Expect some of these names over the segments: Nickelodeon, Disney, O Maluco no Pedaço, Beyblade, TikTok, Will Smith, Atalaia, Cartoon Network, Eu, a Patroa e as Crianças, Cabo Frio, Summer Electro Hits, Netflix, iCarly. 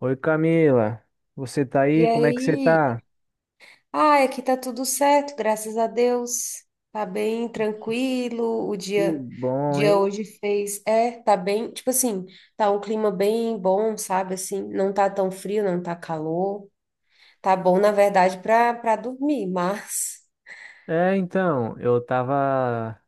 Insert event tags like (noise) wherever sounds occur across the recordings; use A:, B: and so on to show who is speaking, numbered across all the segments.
A: Oi Camila, você tá
B: E
A: aí? Como é que você
B: aí,
A: tá?
B: aqui tá tudo certo, graças a Deus. Tá bem tranquilo. O
A: Que
B: dia,
A: bom,
B: dia
A: hein?
B: hoje fez, é, tá bem, tipo assim, tá um clima bem bom, sabe assim, não tá tão frio, não tá calor. Tá bom, na verdade, para dormir, mas...
A: É, então, eu tava,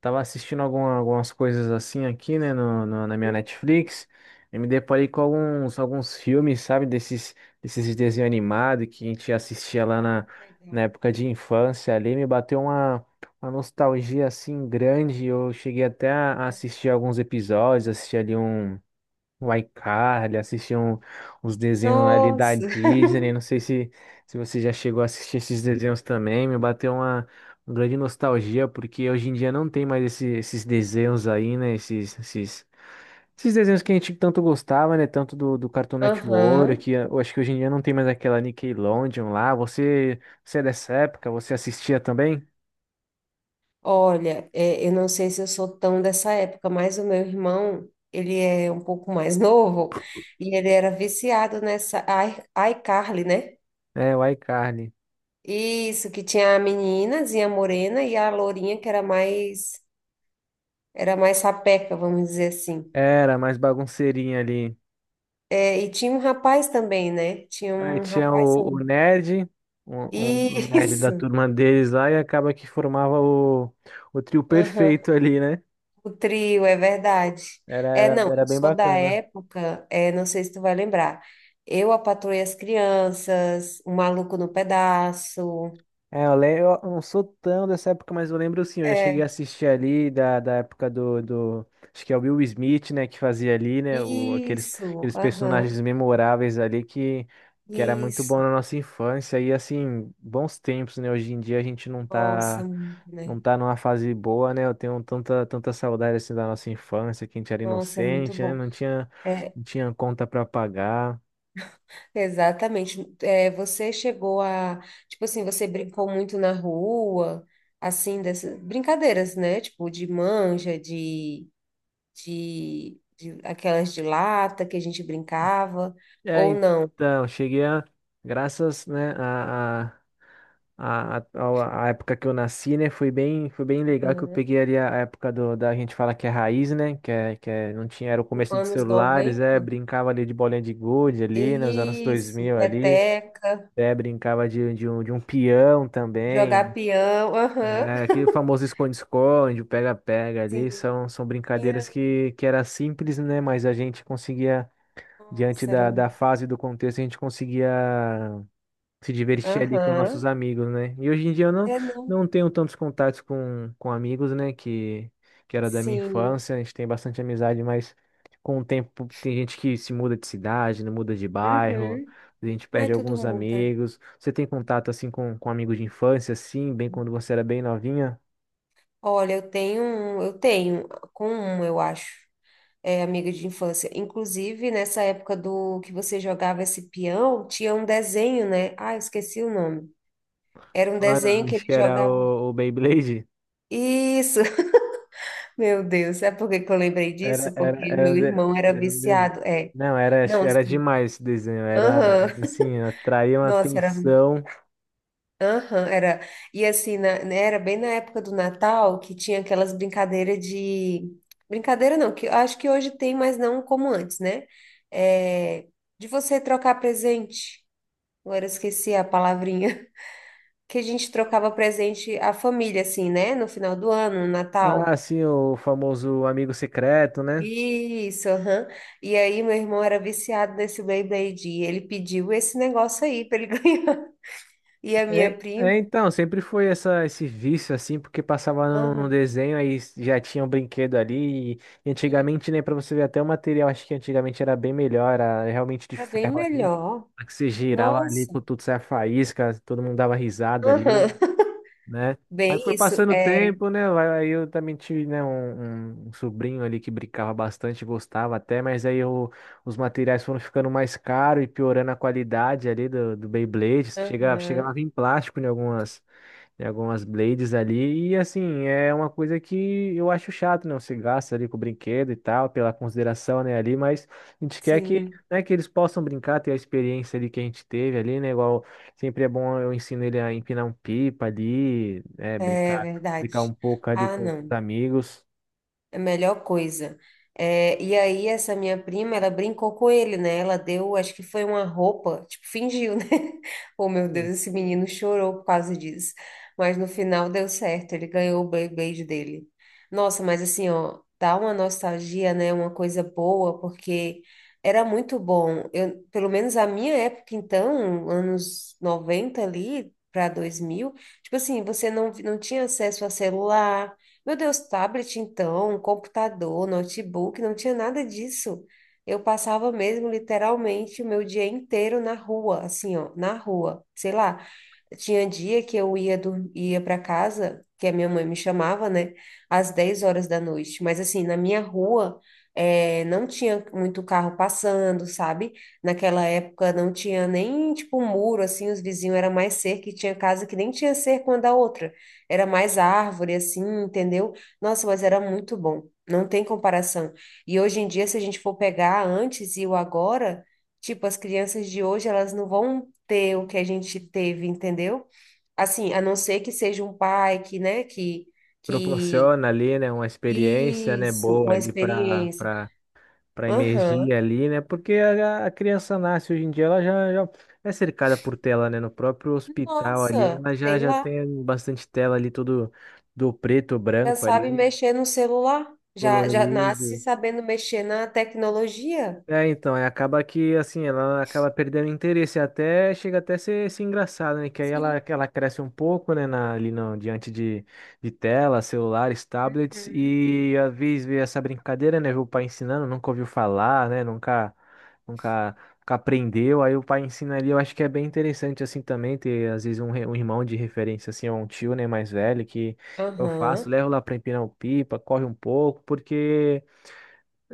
A: tava assistindo algumas coisas assim aqui, né, na minha Netflix, e me deparei com alguns filmes, sabe, desses, desses desenhos animados que a gente assistia
B: Ah,
A: na
B: legal.
A: época de infância ali, me bateu uma nostalgia assim grande, eu cheguei até a assistir alguns episódios, assisti ali um. O iCarly, assistir um, uns desenhos ali da
B: Nossa. (laughs)
A: Disney. Não sei se, se você já chegou a assistir esses desenhos também. Me bateu uma grande nostalgia, porque hoje em dia não tem mais esses desenhos aí, né? Esses desenhos que a gente tanto gostava, né? Tanto do Cartoon Network,
B: Aham.
A: que eu acho que hoje em dia não tem mais aquela Nickelodeon lá. Você é dessa época? Você assistia também?
B: Olha, é, eu não sei se eu sou tão dessa época, mas o meu irmão, ele é um pouco mais (laughs) novo e ele era viciado nessa iCarly, né?
A: É, o iCarly.
B: Isso, que tinha a meninazinha morena e a lourinha que era mais sapeca, vamos dizer assim.
A: Era mais bagunceirinha ali.
B: É, e tinha um rapaz também, né? Tinha
A: Aí
B: um
A: tinha
B: rapaz
A: o
B: também.
A: nerd, o nerd da
B: Isso,
A: turma deles lá, e acaba que formava o trio
B: (laughs) aham.
A: perfeito ali, né?
B: O trio, é verdade. É, não,
A: Era
B: eu
A: bem
B: sou da
A: bacana.
B: época, é, não sei se tu vai lembrar. Eu, a Patroa as Crianças, O Maluco no Pedaço.
A: Lembro, eu não sou tão dessa época, mas eu lembro sim, eu já cheguei a
B: É,
A: assistir ali da época do. Acho que é o Will Smith, né, que fazia ali, né?
B: isso,
A: Aqueles
B: aham,
A: personagens memoráveis ali que era muito bom
B: isso.
A: na nossa infância. E assim, bons tempos, né? Hoje em dia a gente não
B: Nossa,
A: tá.
B: muito,
A: Não
B: né?
A: tá numa fase boa, né? Eu tenho tanta saudade assim da nossa infância, que a gente era
B: Nossa, é muito
A: inocente, né?
B: bom. É,
A: Não tinha conta para pagar.
B: exatamente. É, tipo assim, você brincou muito na rua, assim, dessas brincadeiras, né? Tipo, de manja, de aquelas de lata que a gente brincava,
A: É,
B: ou não.
A: então, cheguei a, graças, né, a época que eu nasci, né? Foi bem legal que eu
B: Aham.
A: peguei ali a época da gente fala que é raiz, né? Que é, não tinha, era o começo dos
B: Anos
A: celulares,
B: noventa
A: é, brincava ali de bolinha de gude ali, nos anos dois
B: Isso,
A: mil ali,
B: peteca,
A: é, brincava de um peão
B: jogar
A: também.
B: peão, aham.
A: É, aquele famoso esconde-esconde, o pega-pega ali,
B: Sim,
A: são
B: peão,
A: brincadeiras que era simples, né? Mas a gente conseguia,
B: nossa, era...
A: da fase e do contexto, a gente conseguia se divertir ali com nossos
B: Aham,
A: amigos, né? E hoje em dia eu
B: É, não,
A: não tenho tantos contatos com amigos, né? Que era da minha
B: sim,
A: infância, a gente tem bastante amizade, mas com o tempo tem gente que se muda de cidade, né? Muda de bairro,
B: uhum.
A: a gente
B: Ai,
A: perde
B: tudo
A: alguns
B: muda.
A: amigos. Você tem contato assim com amigos de infância, assim, bem quando você era bem novinha?
B: Olha, eu tenho com um, eu acho, é amiga de infância. Inclusive, nessa época do que você jogava esse peão, tinha um desenho, né? Ah, eu esqueci o nome. Era um
A: Olha,
B: desenho que
A: acho
B: ele
A: que era
B: jogava.
A: o Beyblade.
B: Isso, (laughs) meu Deus, sabe por que que eu lembrei
A: Era,
B: disso? Porque
A: era,
B: o
A: era,
B: meu
A: um de-
B: irmão era
A: era um desenho.
B: viciado, é.
A: Não,
B: Não,
A: era
B: assim,
A: demais esse desenho. Era
B: aham,
A: assim, atraía uma
B: nossa, era,
A: atenção.
B: aham, era, e assim, né, era bem na época do Natal que tinha aquelas brincadeiras de, brincadeira não, que eu acho que hoje tem, mas não como antes, né? É, de você trocar presente, agora eu esqueci a palavrinha, (laughs) que a gente trocava presente à família, assim, né? No final do ano, no Natal.
A: Ah, sim, o famoso amigo secreto, né?
B: Isso, aham. E aí, meu irmão era viciado nesse Beyblade. E ele pediu esse negócio aí pra ele (laughs) ganhar. E a minha prima,
A: Então, sempre foi essa, esse vício, assim, porque passava no
B: aham,
A: desenho, aí já tinha um brinquedo ali. E
B: Sim.
A: antigamente, né, pra você ver até o material, acho que antigamente era bem melhor, era realmente de
B: Era bem
A: ferro ali.
B: melhor.
A: Que você girava ali,
B: Nossa,
A: por tudo saia faísca, todo mundo dava risada ali.
B: aham.
A: Né? Aí
B: Bem
A: foi
B: isso,
A: passando o
B: é.
A: tempo, né? Aí eu também tive, né, um sobrinho ali que brincava bastante, gostava até, mas os materiais foram ficando mais caros e piorando a qualidade ali do Beyblade. Chegava
B: Aham,
A: a vir plástico em algumas, tem algumas blades ali, e assim, é uma coisa que eu acho chato, né? Você gasta ali com o brinquedo e tal, pela consideração, né, ali, mas a gente quer que,
B: Sim,
A: né, que eles possam brincar, ter a experiência ali que a gente teve ali, né? Igual sempre é bom, eu ensino ele a empinar um pipa ali, né,
B: é
A: brincar, brincar um
B: verdade.
A: pouco ali
B: Ah,
A: com os
B: não.
A: amigos.
B: A melhor coisa. É, e aí, essa minha prima, ela brincou com ele, né? Ela deu, acho que foi uma roupa, tipo, fingiu, né? (laughs) Oh, meu Deus,
A: Sim.
B: esse menino chorou por causa disso. Mas no final deu certo, ele ganhou o Beyblade dele. Nossa, mas assim, ó, dá uma nostalgia, né? Uma coisa boa, porque era muito bom. Eu, pelo menos a minha época, então, anos 90 ali para 2000, tipo assim, você não tinha acesso a celular. Meu Deus, tablet então, computador, notebook, não tinha nada disso. Eu passava mesmo literalmente o meu dia inteiro na rua, assim, ó, na rua. Sei lá, tinha dia que eu ia, ia para casa, que a minha mãe me chamava, né, às 10 horas da noite. Mas assim, na minha rua, não tinha muito carro passando, sabe? Naquela época não tinha nem, tipo, muro, assim, os vizinhos era mais cerca, e tinha casa que nem tinha cerca uma da outra. Era mais árvore, assim, entendeu? Nossa, mas era muito bom. Não tem comparação. E hoje em dia, se a gente for pegar antes e o agora, tipo, as crianças de hoje, elas não vão ter o que a gente teve, entendeu? Assim, a não ser que seja um pai que, né, que
A: Proporciona ali, né, uma experiência, né,
B: isso,
A: boa
B: uma
A: ali para
B: experiência.
A: para
B: Aham.
A: emergir ali, né? Porque a criança nasce hoje em dia, ela já é cercada por tela, né? No próprio hospital ali,
B: Nossa,
A: ela
B: sei
A: já
B: lá,
A: tem bastante tela ali, todo do preto,
B: já
A: branco
B: sabe
A: ali,
B: mexer no celular, já nasce
A: colorido.
B: sabendo mexer na tecnologia.
A: É, então, é, acaba que, assim, ela acaba perdendo interesse, até chega até ser, ser engraçado, né? Que aí ela,
B: Sim.
A: que ela cresce um pouco, né, na, ali no, diante de telas, celulares, tablets,
B: Uhum.
A: e às vezes vê essa brincadeira, né? Vê o pai ensinando, nunca ouviu falar, né? Nunca aprendeu, aí o pai ensina ali, eu acho que é bem interessante, assim, também, ter, às vezes, um irmão de referência, assim, ou um tio, né, mais velho, que eu faço,
B: Aham,
A: levo lá pra empinar o pipa, corre um pouco, porque...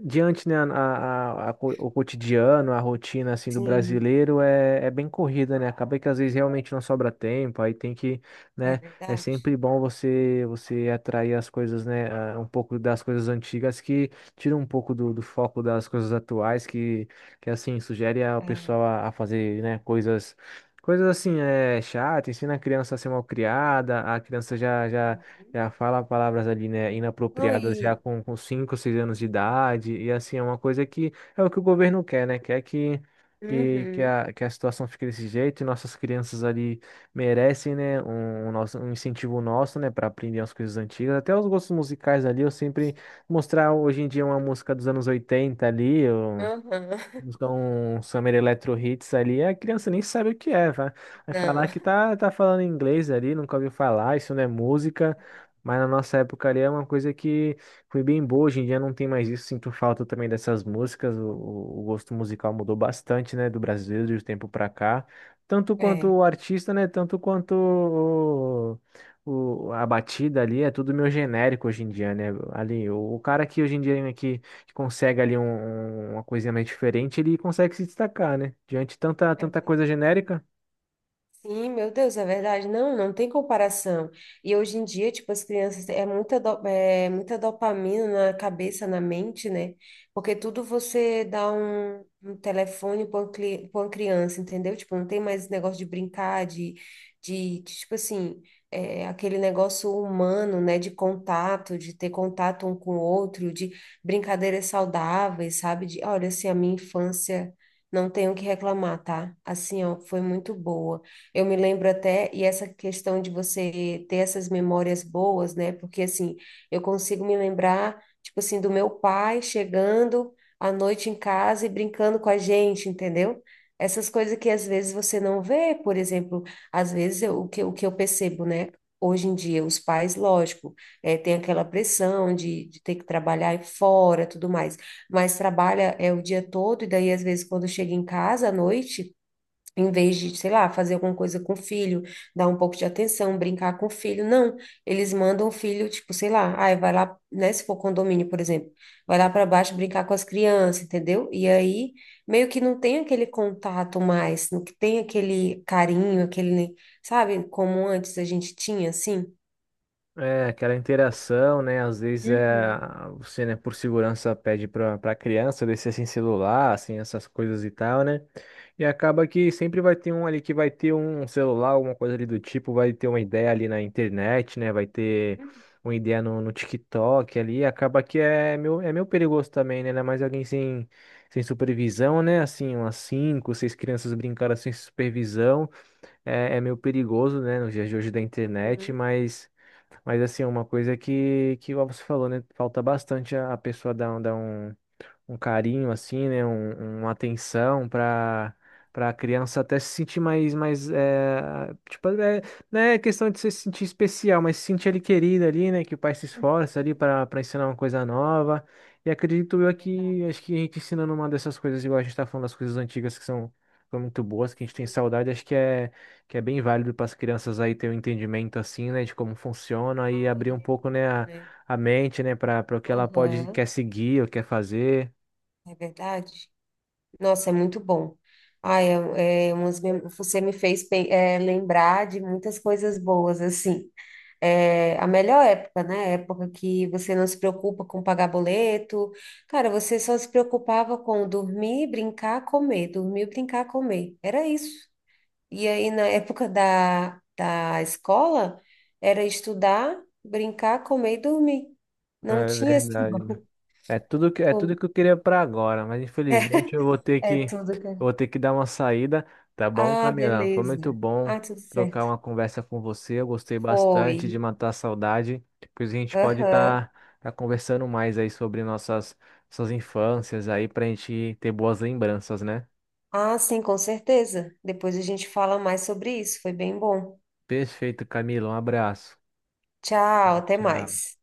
A: Diante, né, o cotidiano, a rotina, assim, do
B: Sim,
A: brasileiro é, é bem corrida, né? Acaba que às vezes realmente não sobra tempo, aí tem que,
B: é
A: né, é
B: verdade.
A: sempre bom você atrair as coisas, né, ah, um pouco das coisas antigas que tira um pouco do foco das coisas atuais, que assim, sugere ao
B: É. Uhum.
A: pessoal a fazer, né, coisas... Coisas assim, é chata, ensina a criança a ser mal criada, a criança já já fala palavras ali, né,
B: Não,
A: inapropriadas já
B: e.
A: com 5 6 anos de idade, e assim, é uma coisa que é o que o governo quer, né, quer
B: Uhum.
A: que a situação fique desse jeito, e nossas crianças ali merecem, né, um nosso, um incentivo nosso, né, para aprender as coisas antigas, até os gostos musicais ali, eu sempre mostrar hoje em dia uma música dos anos 80 ali,
B: Aham. (laughs)
A: então, um Summer Electro Hits ali, a criança nem sabe o que é, vai, vai
B: Não,
A: falar que tá, tá falando inglês ali, nunca ouviu falar, isso não é música, mas na nossa época ali é uma coisa que foi bem boa, hoje em dia não tem mais isso, sinto falta também dessas músicas, o gosto musical mudou bastante, né, do brasileiro de um tempo pra cá, tanto quanto
B: é,
A: o artista, né, tanto quanto o- a batida ali, é tudo meio genérico hoje em dia, né, ali, o cara que hoje em dia aqui consegue ali uma coisinha mais diferente, ele consegue se destacar, né? Diante de tanta,
B: é
A: tanta coisa
B: verdade.
A: genérica.
B: Sim, meu Deus, é verdade. Não, não tem comparação. E hoje em dia, tipo, as crianças é muita, é muita dopamina na cabeça, na mente, né? Porque tudo você dá um telefone pra uma criança, entendeu? Tipo, não tem mais esse negócio de brincar, de, tipo assim, é, aquele negócio humano, né? De contato, de ter contato um com o outro, de brincadeiras saudáveis, sabe? Olha, assim, a minha infância. Não tenho o que reclamar, tá? Assim, ó, foi muito boa. Eu me lembro até, e essa questão de você ter essas memórias boas, né? Porque assim, eu consigo me lembrar, tipo assim, do meu pai chegando à noite em casa e brincando com a gente, entendeu? Essas coisas que às vezes você não vê, por exemplo, às vezes o que eu percebo, né? Hoje em dia, os pais, lógico, tem aquela pressão de ter que trabalhar fora, tudo mais, mas trabalha é o dia todo, e daí, às vezes, quando chega em casa à noite. Em vez de, sei lá, fazer alguma coisa com o filho, dar um pouco de atenção, brincar com o filho. Não, eles mandam o filho, tipo, sei lá, ai, vai lá, né? Se for condomínio, por exemplo, vai lá para baixo brincar com as crianças, entendeu? E aí, meio que não tem aquele contato mais, não que tem aquele carinho, aquele, sabe, como antes a gente tinha, assim.
A: É, aquela interação, né? Às vezes é,
B: Uhum,
A: você, né, por segurança pede para para criança descer sem celular, assim, essas coisas e tal, né? E acaba que sempre vai ter um ali que vai ter um celular, alguma coisa ali do tipo, vai ter uma ideia ali na internet, né? Vai ter
B: uhum,
A: uma ideia no TikTok ali, acaba que é meu é meio perigoso também, né? Ainda mais alguém sem, sem supervisão, né? Assim, umas cinco, seis crianças brincaram sem supervisão, é, é meio perigoso, né? Nos dias de hoje da internet,
B: uhum,
A: mas assim, é uma coisa que igual você falou, né? Falta bastante a pessoa dar, um carinho assim, né, uma atenção para para a criança até se sentir mais é, tipo, é, não é questão de se sentir especial, mas se sentir ali querida ali, né, que o pai se
B: uhum.
A: esforça ali para para ensinar uma coisa nova. E acredito
B: É
A: eu que
B: verdade.
A: acho que a gente ensinando uma dessas coisas, igual a gente tá falando das coisas antigas que são foram muito boas, que a gente tem
B: Sim, né?
A: saudade, acho que é bem válido para as crianças aí ter um entendimento assim, né, de como funciona e abrir um
B: Ai, é
A: pouco, né,
B: muito, né?
A: a mente, né, para para o que ela pode
B: Aham,
A: quer seguir ou quer fazer.
B: é verdade. Nossa, é muito bom. Ai, é você me fez lembrar de muitas coisas boas, assim. É, a melhor época, né? A época que você não se preocupa com pagar boleto. Cara, você só se preocupava com dormir, brincar, comer. Dormir, brincar, comer. Era isso. E aí, na época da escola, era estudar, brincar, comer e dormir. Não
A: É
B: tinha esse...
A: verdade. É tudo que eu
B: (laughs)
A: queria para agora, mas infelizmente eu vou ter
B: É
A: que, eu
B: tudo que... é.
A: vou ter que dar uma saída, tá bom,
B: Ah,
A: Camila? Foi muito
B: beleza.
A: bom
B: Ah, tudo
A: trocar
B: certo.
A: uma conversa com você. Eu gostei
B: Foi.
A: bastante de matar a saudade. Depois a gente pode
B: Aham.
A: estar conversando mais aí sobre nossas, nossas infâncias aí pra gente ter boas lembranças, né?
B: Ah, sim, com certeza. Depois a gente fala mais sobre isso. Foi bem bom.
A: Perfeito, Camila. Um abraço.
B: Tchau,
A: Tchau,
B: até
A: tchau.
B: mais.